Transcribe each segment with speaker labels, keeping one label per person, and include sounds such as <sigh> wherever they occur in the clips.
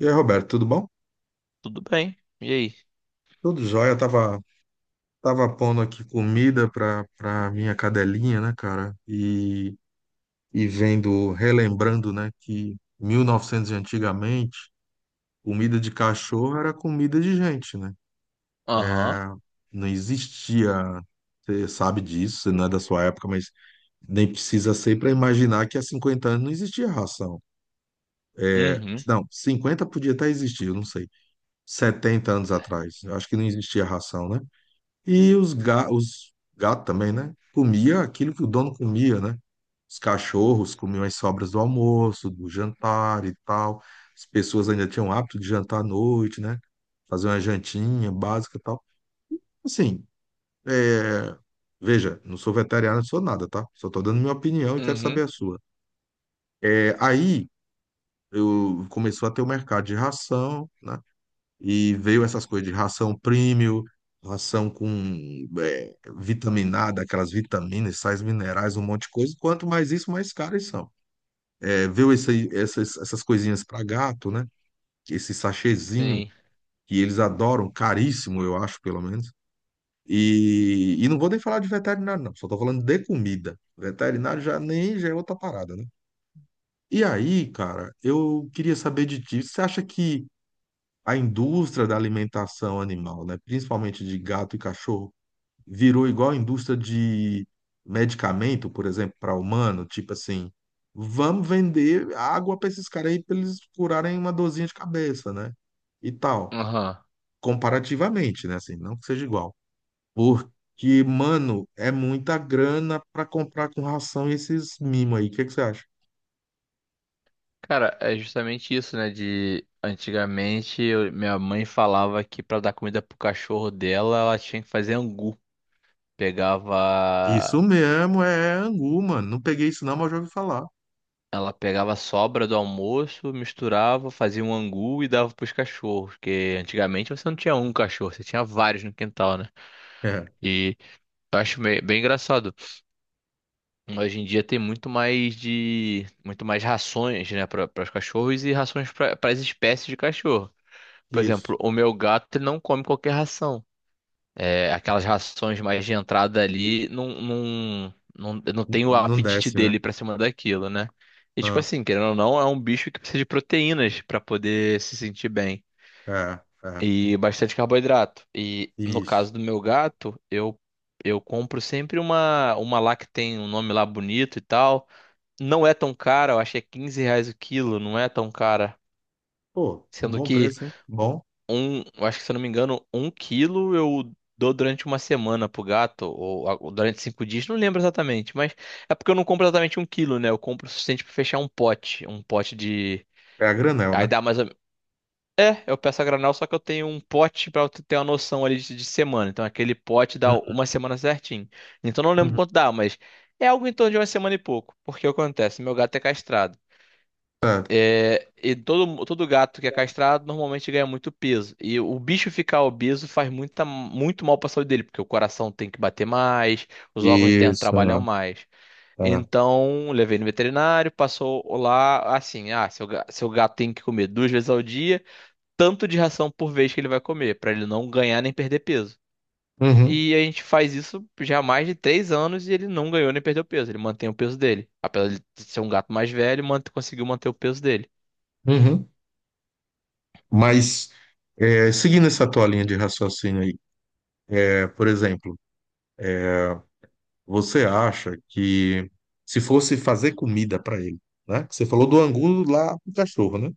Speaker 1: E aí, Roberto, tudo bom?
Speaker 2: Tudo bem. E aí?
Speaker 1: Tudo jóia. Tava pondo aqui comida pra minha cadelinha, né, cara? E vendo, relembrando, né, que mil e novecentos e antigamente, comida de cachorro era comida de gente, né?
Speaker 2: Aham.
Speaker 1: É, não existia, você sabe disso, você não é da sua época, mas nem precisa ser para imaginar que há 50 anos não existia ração. É,
Speaker 2: Uhum.
Speaker 1: não, 50 podia até existir, eu não sei. 70 anos atrás, eu acho que não existia ração, né? E os gatos também, né? Comia aquilo que o dono comia, né? Os cachorros comiam as sobras do almoço, do jantar e tal. As pessoas ainda tinham o hábito de jantar à noite, né? Fazer uma jantinha básica e tal. Assim, é, veja, não sou veterinário, não sou nada, tá? Só tô dando minha opinião e quero saber
Speaker 2: Uhum.
Speaker 1: a sua. É, aí eu começou a ter o mercado de ração, né? E veio essas coisas de ração premium, ração com vitaminada, aquelas vitaminas, sais minerais, um monte de coisa. Quanto mais isso, mais caras são. É, veio essas coisinhas para gato, né? Esse sachêzinho
Speaker 2: Sim.
Speaker 1: que eles adoram, caríssimo, eu acho, pelo menos. E não vou nem falar de veterinário, não. Só tô falando de comida. Veterinário já nem já é outra parada, né? E aí, cara, eu queria saber de ti. Você acha que a indústria da alimentação animal, né, principalmente de gato e cachorro, virou igual a indústria de medicamento, por exemplo, para humano, tipo assim, vamos vender água para esses caras aí para eles curarem uma dorzinha de cabeça, né? E tal,
Speaker 2: Aham.
Speaker 1: comparativamente, né, assim, não que seja igual. Porque, mano, é muita grana para comprar com ração esses mimos aí. O que que você acha?
Speaker 2: Cara, é justamente isso, né? De antigamente minha mãe falava que pra dar comida pro cachorro dela, ela tinha que fazer angu. Pegava.
Speaker 1: Isso mesmo, é angu, mano. Não peguei isso não, mas já ouvi falar.
Speaker 2: Ela pegava a sobra do almoço, misturava, fazia um angu e dava pros cachorros. Porque antigamente você não tinha um cachorro, você tinha vários no quintal, né?
Speaker 1: É,
Speaker 2: E eu acho bem engraçado. Hoje em dia tem muito mais rações, né, para os cachorros e rações para as espécies de cachorro. Por
Speaker 1: isso.
Speaker 2: exemplo, o meu gato ele não come qualquer ração. É, aquelas rações mais de entrada ali não
Speaker 1: N-
Speaker 2: tem o
Speaker 1: não
Speaker 2: apetite
Speaker 1: desce, né?
Speaker 2: dele para cima daquilo, né? E tipo
Speaker 1: Ah,
Speaker 2: assim, querendo ou não, é um bicho que precisa de proteínas para poder se sentir bem
Speaker 1: é, é,
Speaker 2: e bastante carboidrato. E no
Speaker 1: isso.
Speaker 2: caso do meu gato, eu compro sempre uma lá que tem um nome lá bonito e tal, não é tão cara, eu acho que é R$ 15 o quilo, não é tão cara.
Speaker 1: Pô,
Speaker 2: Sendo
Speaker 1: bom
Speaker 2: que
Speaker 1: preço, hein? Bom.
Speaker 2: eu acho que se eu não me engano, um quilo eu dou durante uma semana pro gato, ou durante 5 dias, não lembro exatamente, mas é porque eu não compro exatamente um quilo, né? Eu compro o suficiente pra fechar um pote de.
Speaker 1: É a granel, né?
Speaker 2: Aí dá mais ou menos. É, eu peço a granel, só que eu tenho um pote pra eu ter uma noção ali de semana. Então aquele pote dá
Speaker 1: Uhum,
Speaker 2: uma semana certinho. Então eu não lembro
Speaker 1: uhum.
Speaker 2: quanto dá, mas é algo em torno de uma semana e pouco. Porque o que acontece? Meu gato é castrado.
Speaker 1: Certo.
Speaker 2: E todo gato que é castrado normalmente ganha muito peso. E o bicho ficar obeso faz muito mal para a saúde dele, porque o coração tem que bater mais, os órgãos internos trabalham
Speaker 1: Isso.
Speaker 2: mais.
Speaker 1: Tá.
Speaker 2: Então, levei no veterinário, passou lá assim: ah, seu gato tem que comer 2 vezes ao dia, tanto de ração por vez que ele vai comer, para ele não ganhar nem perder peso.
Speaker 1: Uhum,
Speaker 2: E a gente faz isso já há mais de 3 anos e ele não ganhou nem perdeu peso, ele mantém o peso dele. Apesar de ser um gato mais velho, conseguiu manter o peso dele.
Speaker 1: uhum. Mas, seguindo essa tua linha de raciocínio aí, por exemplo, você acha que se fosse fazer comida para ele, né? Você falou do angu lá pro cachorro, né?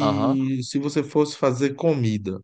Speaker 2: Aham.
Speaker 1: se você fosse fazer comida,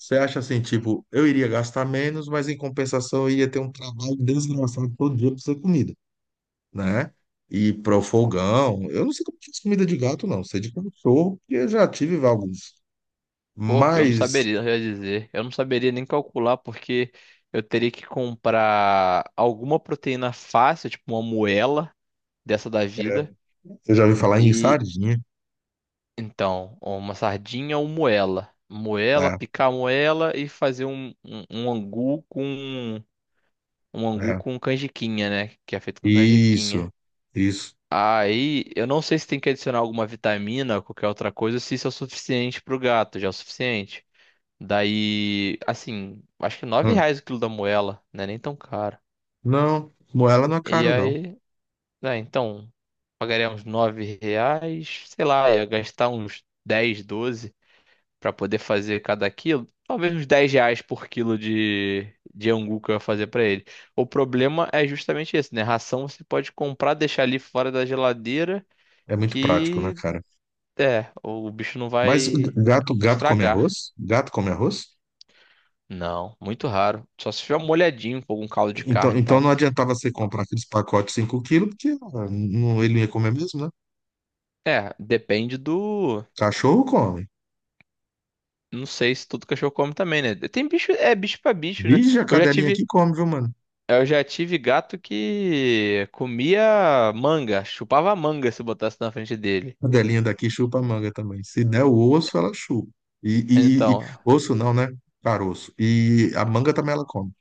Speaker 1: você acha assim, tipo, eu iria gastar menos, mas em compensação eu ia ter um trabalho desgraçado todo dia pra fazer comida, né? E pro fogão, eu não sei como faz comida de gato, não, sei de cachorro, porque eu já tive alguns.
Speaker 2: Pô, eu não
Speaker 1: Mas
Speaker 2: saberia, eu ia dizer. Eu não saberia nem calcular, porque eu teria que comprar alguma proteína fácil, tipo uma moela dessa da
Speaker 1: é,
Speaker 2: vida.
Speaker 1: eu já ouvi falar em
Speaker 2: E
Speaker 1: sardinha.
Speaker 2: então, uma sardinha ou moela. Moela,
Speaker 1: É,
Speaker 2: picar a moela e fazer um angu
Speaker 1: é.
Speaker 2: com canjiquinha, né? Que é feito com canjiquinha.
Speaker 1: Isso, isso.
Speaker 2: Aí, eu não sei se tem que adicionar alguma vitamina ou qualquer outra coisa, se isso é o suficiente pro gato, já é o suficiente. Daí, assim, acho que nove
Speaker 1: Hum.
Speaker 2: reais o quilo da moela, né? Nem tão caro.
Speaker 1: Não, moela não é
Speaker 2: E
Speaker 1: caro, não.
Speaker 2: aí, né, então, pagaria uns R$ 9, sei lá, ia gastar uns 10 12 pra poder fazer cada quilo. Talvez uns R$ 10 por quilo de angu que eu ia fazer pra ele. O problema é justamente esse, né? Ração você pode comprar, deixar ali fora da geladeira,
Speaker 1: É muito prático, né,
Speaker 2: que
Speaker 1: cara?
Speaker 2: é, o bicho não
Speaker 1: Mas g-
Speaker 2: vai
Speaker 1: gato, gato come
Speaker 2: estragar.
Speaker 1: arroz? Gato come arroz?
Speaker 2: Não, muito raro. Só se tiver molhadinho com algum caldo de
Speaker 1: Então,
Speaker 2: carne e
Speaker 1: então
Speaker 2: tal.
Speaker 1: não adiantava você comprar aqueles pacotes de 5 quilos, porque ah, não, ele não ia comer mesmo, né?
Speaker 2: É, depende do.
Speaker 1: Cachorro come.
Speaker 2: Não sei se todo cachorro come também, né? Tem bicho, é bicho pra bicho, né?
Speaker 1: Vige, a
Speaker 2: Eu já
Speaker 1: cadelinha aqui
Speaker 2: tive,
Speaker 1: come, viu, mano?
Speaker 2: eu já tive gato que comia manga, chupava manga se botasse na frente dele.
Speaker 1: A cadelinha daqui chupa a manga também. Se der o osso, ela chupa. E, e- e- e-
Speaker 2: Então,
Speaker 1: osso não, né? Caroço. E a manga também ela come.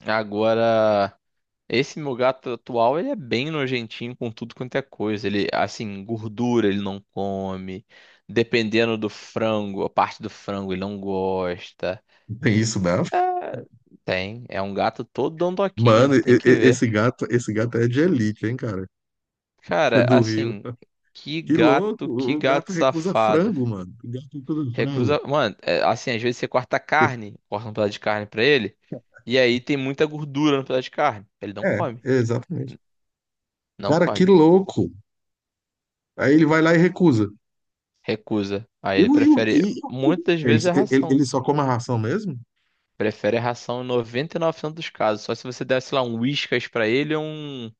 Speaker 2: agora esse meu gato atual, ele é bem nojentinho com tudo quanto é coisa. Ele, assim, gordura ele não come. Dependendo do frango, a parte do frango ele não gosta.
Speaker 1: Tem isso mesmo?
Speaker 2: Tem, é um gato todo
Speaker 1: Mano,
Speaker 2: dondoquinho, tem que ver.
Speaker 1: esse gato é de elite, hein, cara?
Speaker 2: Cara,
Speaker 1: <laughs> Do Rio.
Speaker 2: assim,
Speaker 1: Que louco!
Speaker 2: que
Speaker 1: O
Speaker 2: gato
Speaker 1: gato recusa
Speaker 2: safado.
Speaker 1: frango, mano. O gato recusa frango.
Speaker 2: Recrusa, mano, é, assim, às vezes você corta
Speaker 1: <laughs>
Speaker 2: carne, corta um pedaço de carne pra ele, e aí tem muita gordura no pedaço de carne. Ele não
Speaker 1: É,
Speaker 2: come,
Speaker 1: exatamente.
Speaker 2: não
Speaker 1: Cara, que
Speaker 2: come.
Speaker 1: louco. Aí ele vai lá e recusa.
Speaker 2: Recusa. Aí
Speaker 1: E,
Speaker 2: ele
Speaker 1: o- e, o-
Speaker 2: prefere,
Speaker 1: e
Speaker 2: muitas vezes
Speaker 1: eles,
Speaker 2: é
Speaker 1: ele,
Speaker 2: ração.
Speaker 1: ele só come a ração mesmo?
Speaker 2: Prefere a ração em 99% dos casos, só se você der, sei lá, um Whiskas pra ele ou um,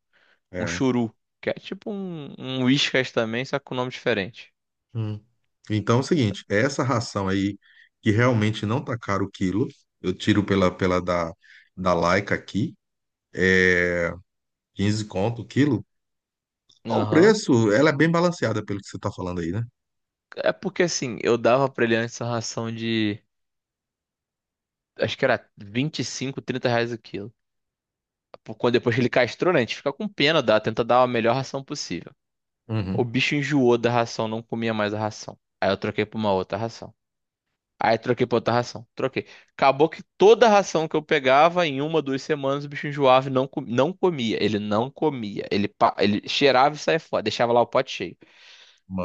Speaker 2: um
Speaker 1: É.
Speaker 2: churu, que é tipo um Whiskas também, só com nome diferente.
Speaker 1: Hum. Então é o seguinte, essa ração aí, que realmente não tá caro o quilo, eu tiro pela da Laika aqui, 15 conto o quilo. Ao
Speaker 2: Aham.
Speaker 1: preço, ela é bem balanceada pelo que você tá falando aí, né?
Speaker 2: É porque assim, eu dava pra ele antes a ração de acho que era 25, R$ 30 o quilo. Quando depois que ele castrou, né, a gente fica com pena, dá, tenta dar a melhor ração possível. O
Speaker 1: Uhum.
Speaker 2: bicho enjoou da ração, não comia mais a ração. Aí eu troquei pra uma outra ração. Aí troquei pra outra ração, troquei. Acabou que toda a ração que eu pegava, em uma, 2 semanas, o bicho enjoava e não, não comia. Ele não comia. Ele cheirava e saía fora, deixava lá o pote cheio.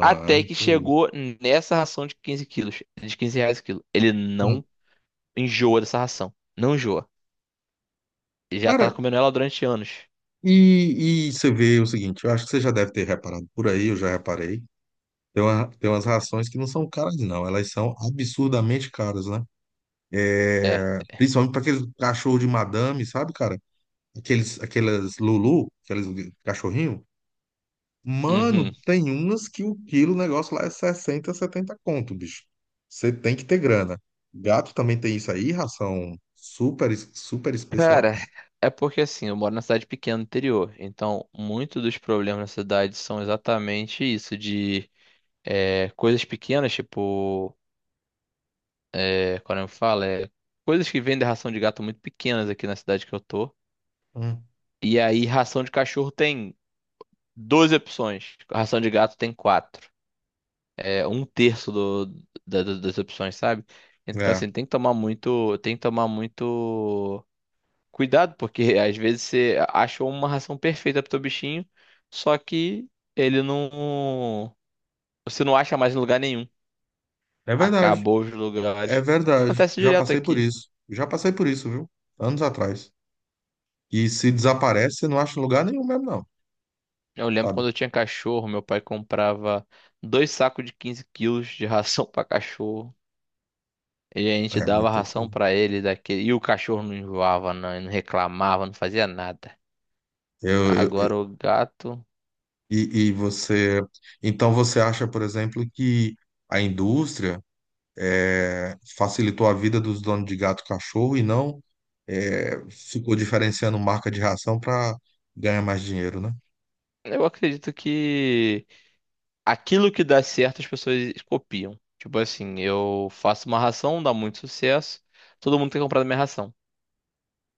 Speaker 2: Até que
Speaker 1: que isso.
Speaker 2: chegou nessa ração de 15 quilos, de R$ 15 o quilo. Ele
Speaker 1: Hum.
Speaker 2: não enjoa dessa ração. Não enjoa. E já tá
Speaker 1: Cara,
Speaker 2: comendo ela durante anos.
Speaker 1: e você vê o seguinte, eu acho que você já deve ter reparado por aí, eu já reparei. Tem umas rações que não são caras, não, elas são absurdamente caras, né?
Speaker 2: É.
Speaker 1: Principalmente para aqueles cachorro de madame, sabe, cara? Aqueles, aquelas Lulu, aqueles cachorrinho. Mano,
Speaker 2: Uhum.
Speaker 1: tem umas que o quilo, o negócio lá é 60, 70 conto, bicho. Você tem que ter grana. Gato também tem isso aí, ração super, super especial.
Speaker 2: Cara, é porque assim, eu moro na cidade pequena do interior, então muitos dos problemas na cidade são exatamente isso, de é, coisas pequenas, tipo, é, quando eu falo, é coisas que vendem ração de gato muito pequenas aqui na cidade que eu tô.
Speaker 1: Hum,
Speaker 2: E aí, ração de cachorro tem 12 opções, ração de gato tem quatro. É um terço das opções, sabe? Então,
Speaker 1: É,
Speaker 2: assim, tem que tomar muito, tem que tomar muito. Cuidado, porque <laughs> às vezes você achou uma ração perfeita pro teu bichinho, só que ele não. Você não acha mais em lugar nenhum.
Speaker 1: é verdade,
Speaker 2: Acabou os
Speaker 1: é
Speaker 2: lugares.
Speaker 1: verdade.
Speaker 2: Acontece
Speaker 1: Já
Speaker 2: direto
Speaker 1: passei por
Speaker 2: aqui.
Speaker 1: isso. Já passei por isso, viu? Anos atrás. E se desaparece, você não acha em lugar nenhum mesmo, não,
Speaker 2: Eu lembro
Speaker 1: sabe?
Speaker 2: quando eu tinha cachorro, meu pai comprava dois sacos de 15 quilos de ração pra cachorro. E a gente
Speaker 1: É
Speaker 2: dava
Speaker 1: muita
Speaker 2: ração
Speaker 1: coisa.
Speaker 2: pra ele daquele. E o cachorro não enjoava, não, não reclamava, não fazia nada.
Speaker 1: Eu,
Speaker 2: Agora o gato.
Speaker 1: e você, então você acha, por exemplo, que a indústria facilitou a vida dos donos de gato e cachorro e não ficou diferenciando marca de ração para ganhar mais dinheiro, né?
Speaker 2: Eu acredito que aquilo que dá certo as pessoas copiam. Tipo assim, eu faço uma ração, dá muito sucesso, todo mundo tem comprado minha ração.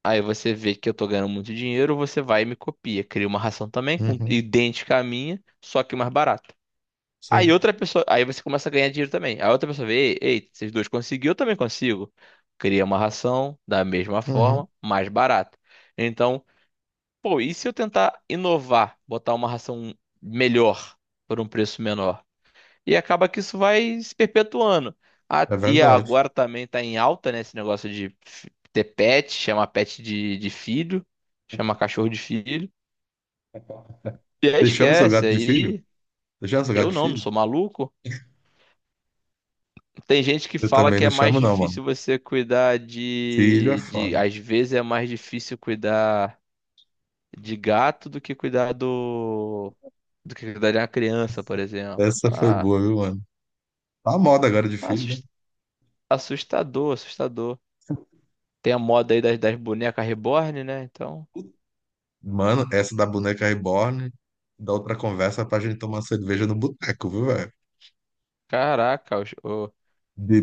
Speaker 2: Aí você vê que eu tô ganhando muito dinheiro, você vai e me copia, cria uma ração também com
Speaker 1: Uhum,
Speaker 2: idêntica à minha, só que mais barata. Aí
Speaker 1: sim,
Speaker 2: outra pessoa, aí você começa a ganhar dinheiro também. Aí outra pessoa vê, ei, ei, vocês dois conseguiram, eu também consigo. Cria uma ração da mesma
Speaker 1: uhum,
Speaker 2: forma, mais barata. Então, pô, e se eu tentar inovar, botar uma ração melhor por um preço menor? E acaba que isso vai se perpetuando. Ah,
Speaker 1: é
Speaker 2: e
Speaker 1: verdade.
Speaker 2: agora também tá em alta, né, esse negócio de ter pet, chamar pet de filho, chamar cachorro de filho. E aí
Speaker 1: Você chama seu gato
Speaker 2: esquece,
Speaker 1: de filho?
Speaker 2: aí
Speaker 1: Você chama seu
Speaker 2: eu
Speaker 1: gato de
Speaker 2: não, não
Speaker 1: filho?
Speaker 2: sou maluco. Tem gente que
Speaker 1: Eu
Speaker 2: fala
Speaker 1: também
Speaker 2: que
Speaker 1: não
Speaker 2: é mais
Speaker 1: chamo, não, mano.
Speaker 2: difícil você cuidar
Speaker 1: Filho é foda.
Speaker 2: às vezes é mais difícil cuidar de gato do que cuidar do que cuidar de uma criança, por exemplo.
Speaker 1: Essa foi
Speaker 2: Ah,
Speaker 1: boa, viu, mano? Tá a moda agora de filho, né?
Speaker 2: assus- assustador, assustador. Tem a moda aí das bonecas reborn, né? Então,
Speaker 1: Mano, essa da boneca reborn, da outra conversa pra gente tomar cerveja no boteco, viu, velho?
Speaker 2: caraca,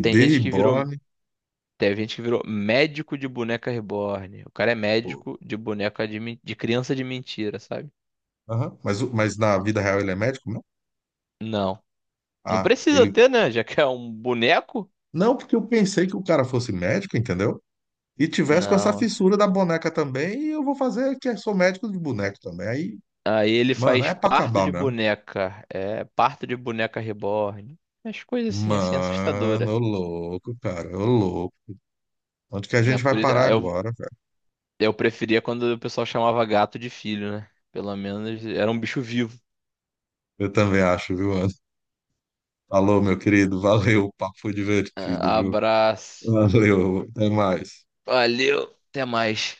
Speaker 2: tem gente que
Speaker 1: reborn.
Speaker 2: virou, tem gente que virou médico de boneca reborn. O cara é
Speaker 1: Pô.
Speaker 2: médico de boneca de criança de mentira, sabe?
Speaker 1: Aham. Mas, mas na vida real ele é médico, não?
Speaker 2: Não. Não
Speaker 1: Ah,
Speaker 2: precisa
Speaker 1: ele.
Speaker 2: ter, né? Já que é um boneco?
Speaker 1: Não, porque eu pensei que o cara fosse médico, entendeu? E tivesse com essa
Speaker 2: Não.
Speaker 1: fissura da boneca também, e eu vou fazer que eu sou médico de boneco também. Aí,
Speaker 2: Aí ele
Speaker 1: mano,
Speaker 2: faz
Speaker 1: é pra
Speaker 2: parto
Speaker 1: acabar
Speaker 2: de
Speaker 1: mesmo.
Speaker 2: boneca. É, parto de boneca reborn. As coisas assim, assustadora.
Speaker 1: Mano, ô louco, cara, ô louco. Onde que a
Speaker 2: É
Speaker 1: gente vai
Speaker 2: por isso,
Speaker 1: parar agora, velho?
Speaker 2: eu preferia quando o pessoal chamava gato de filho, né? Pelo menos era um bicho vivo.
Speaker 1: Eu também acho, viu, Anderson? Falou, meu querido. Valeu, o papo foi divertido,
Speaker 2: Ah,
Speaker 1: viu?
Speaker 2: abraço.
Speaker 1: Valeu, até mais.
Speaker 2: Valeu. Até mais.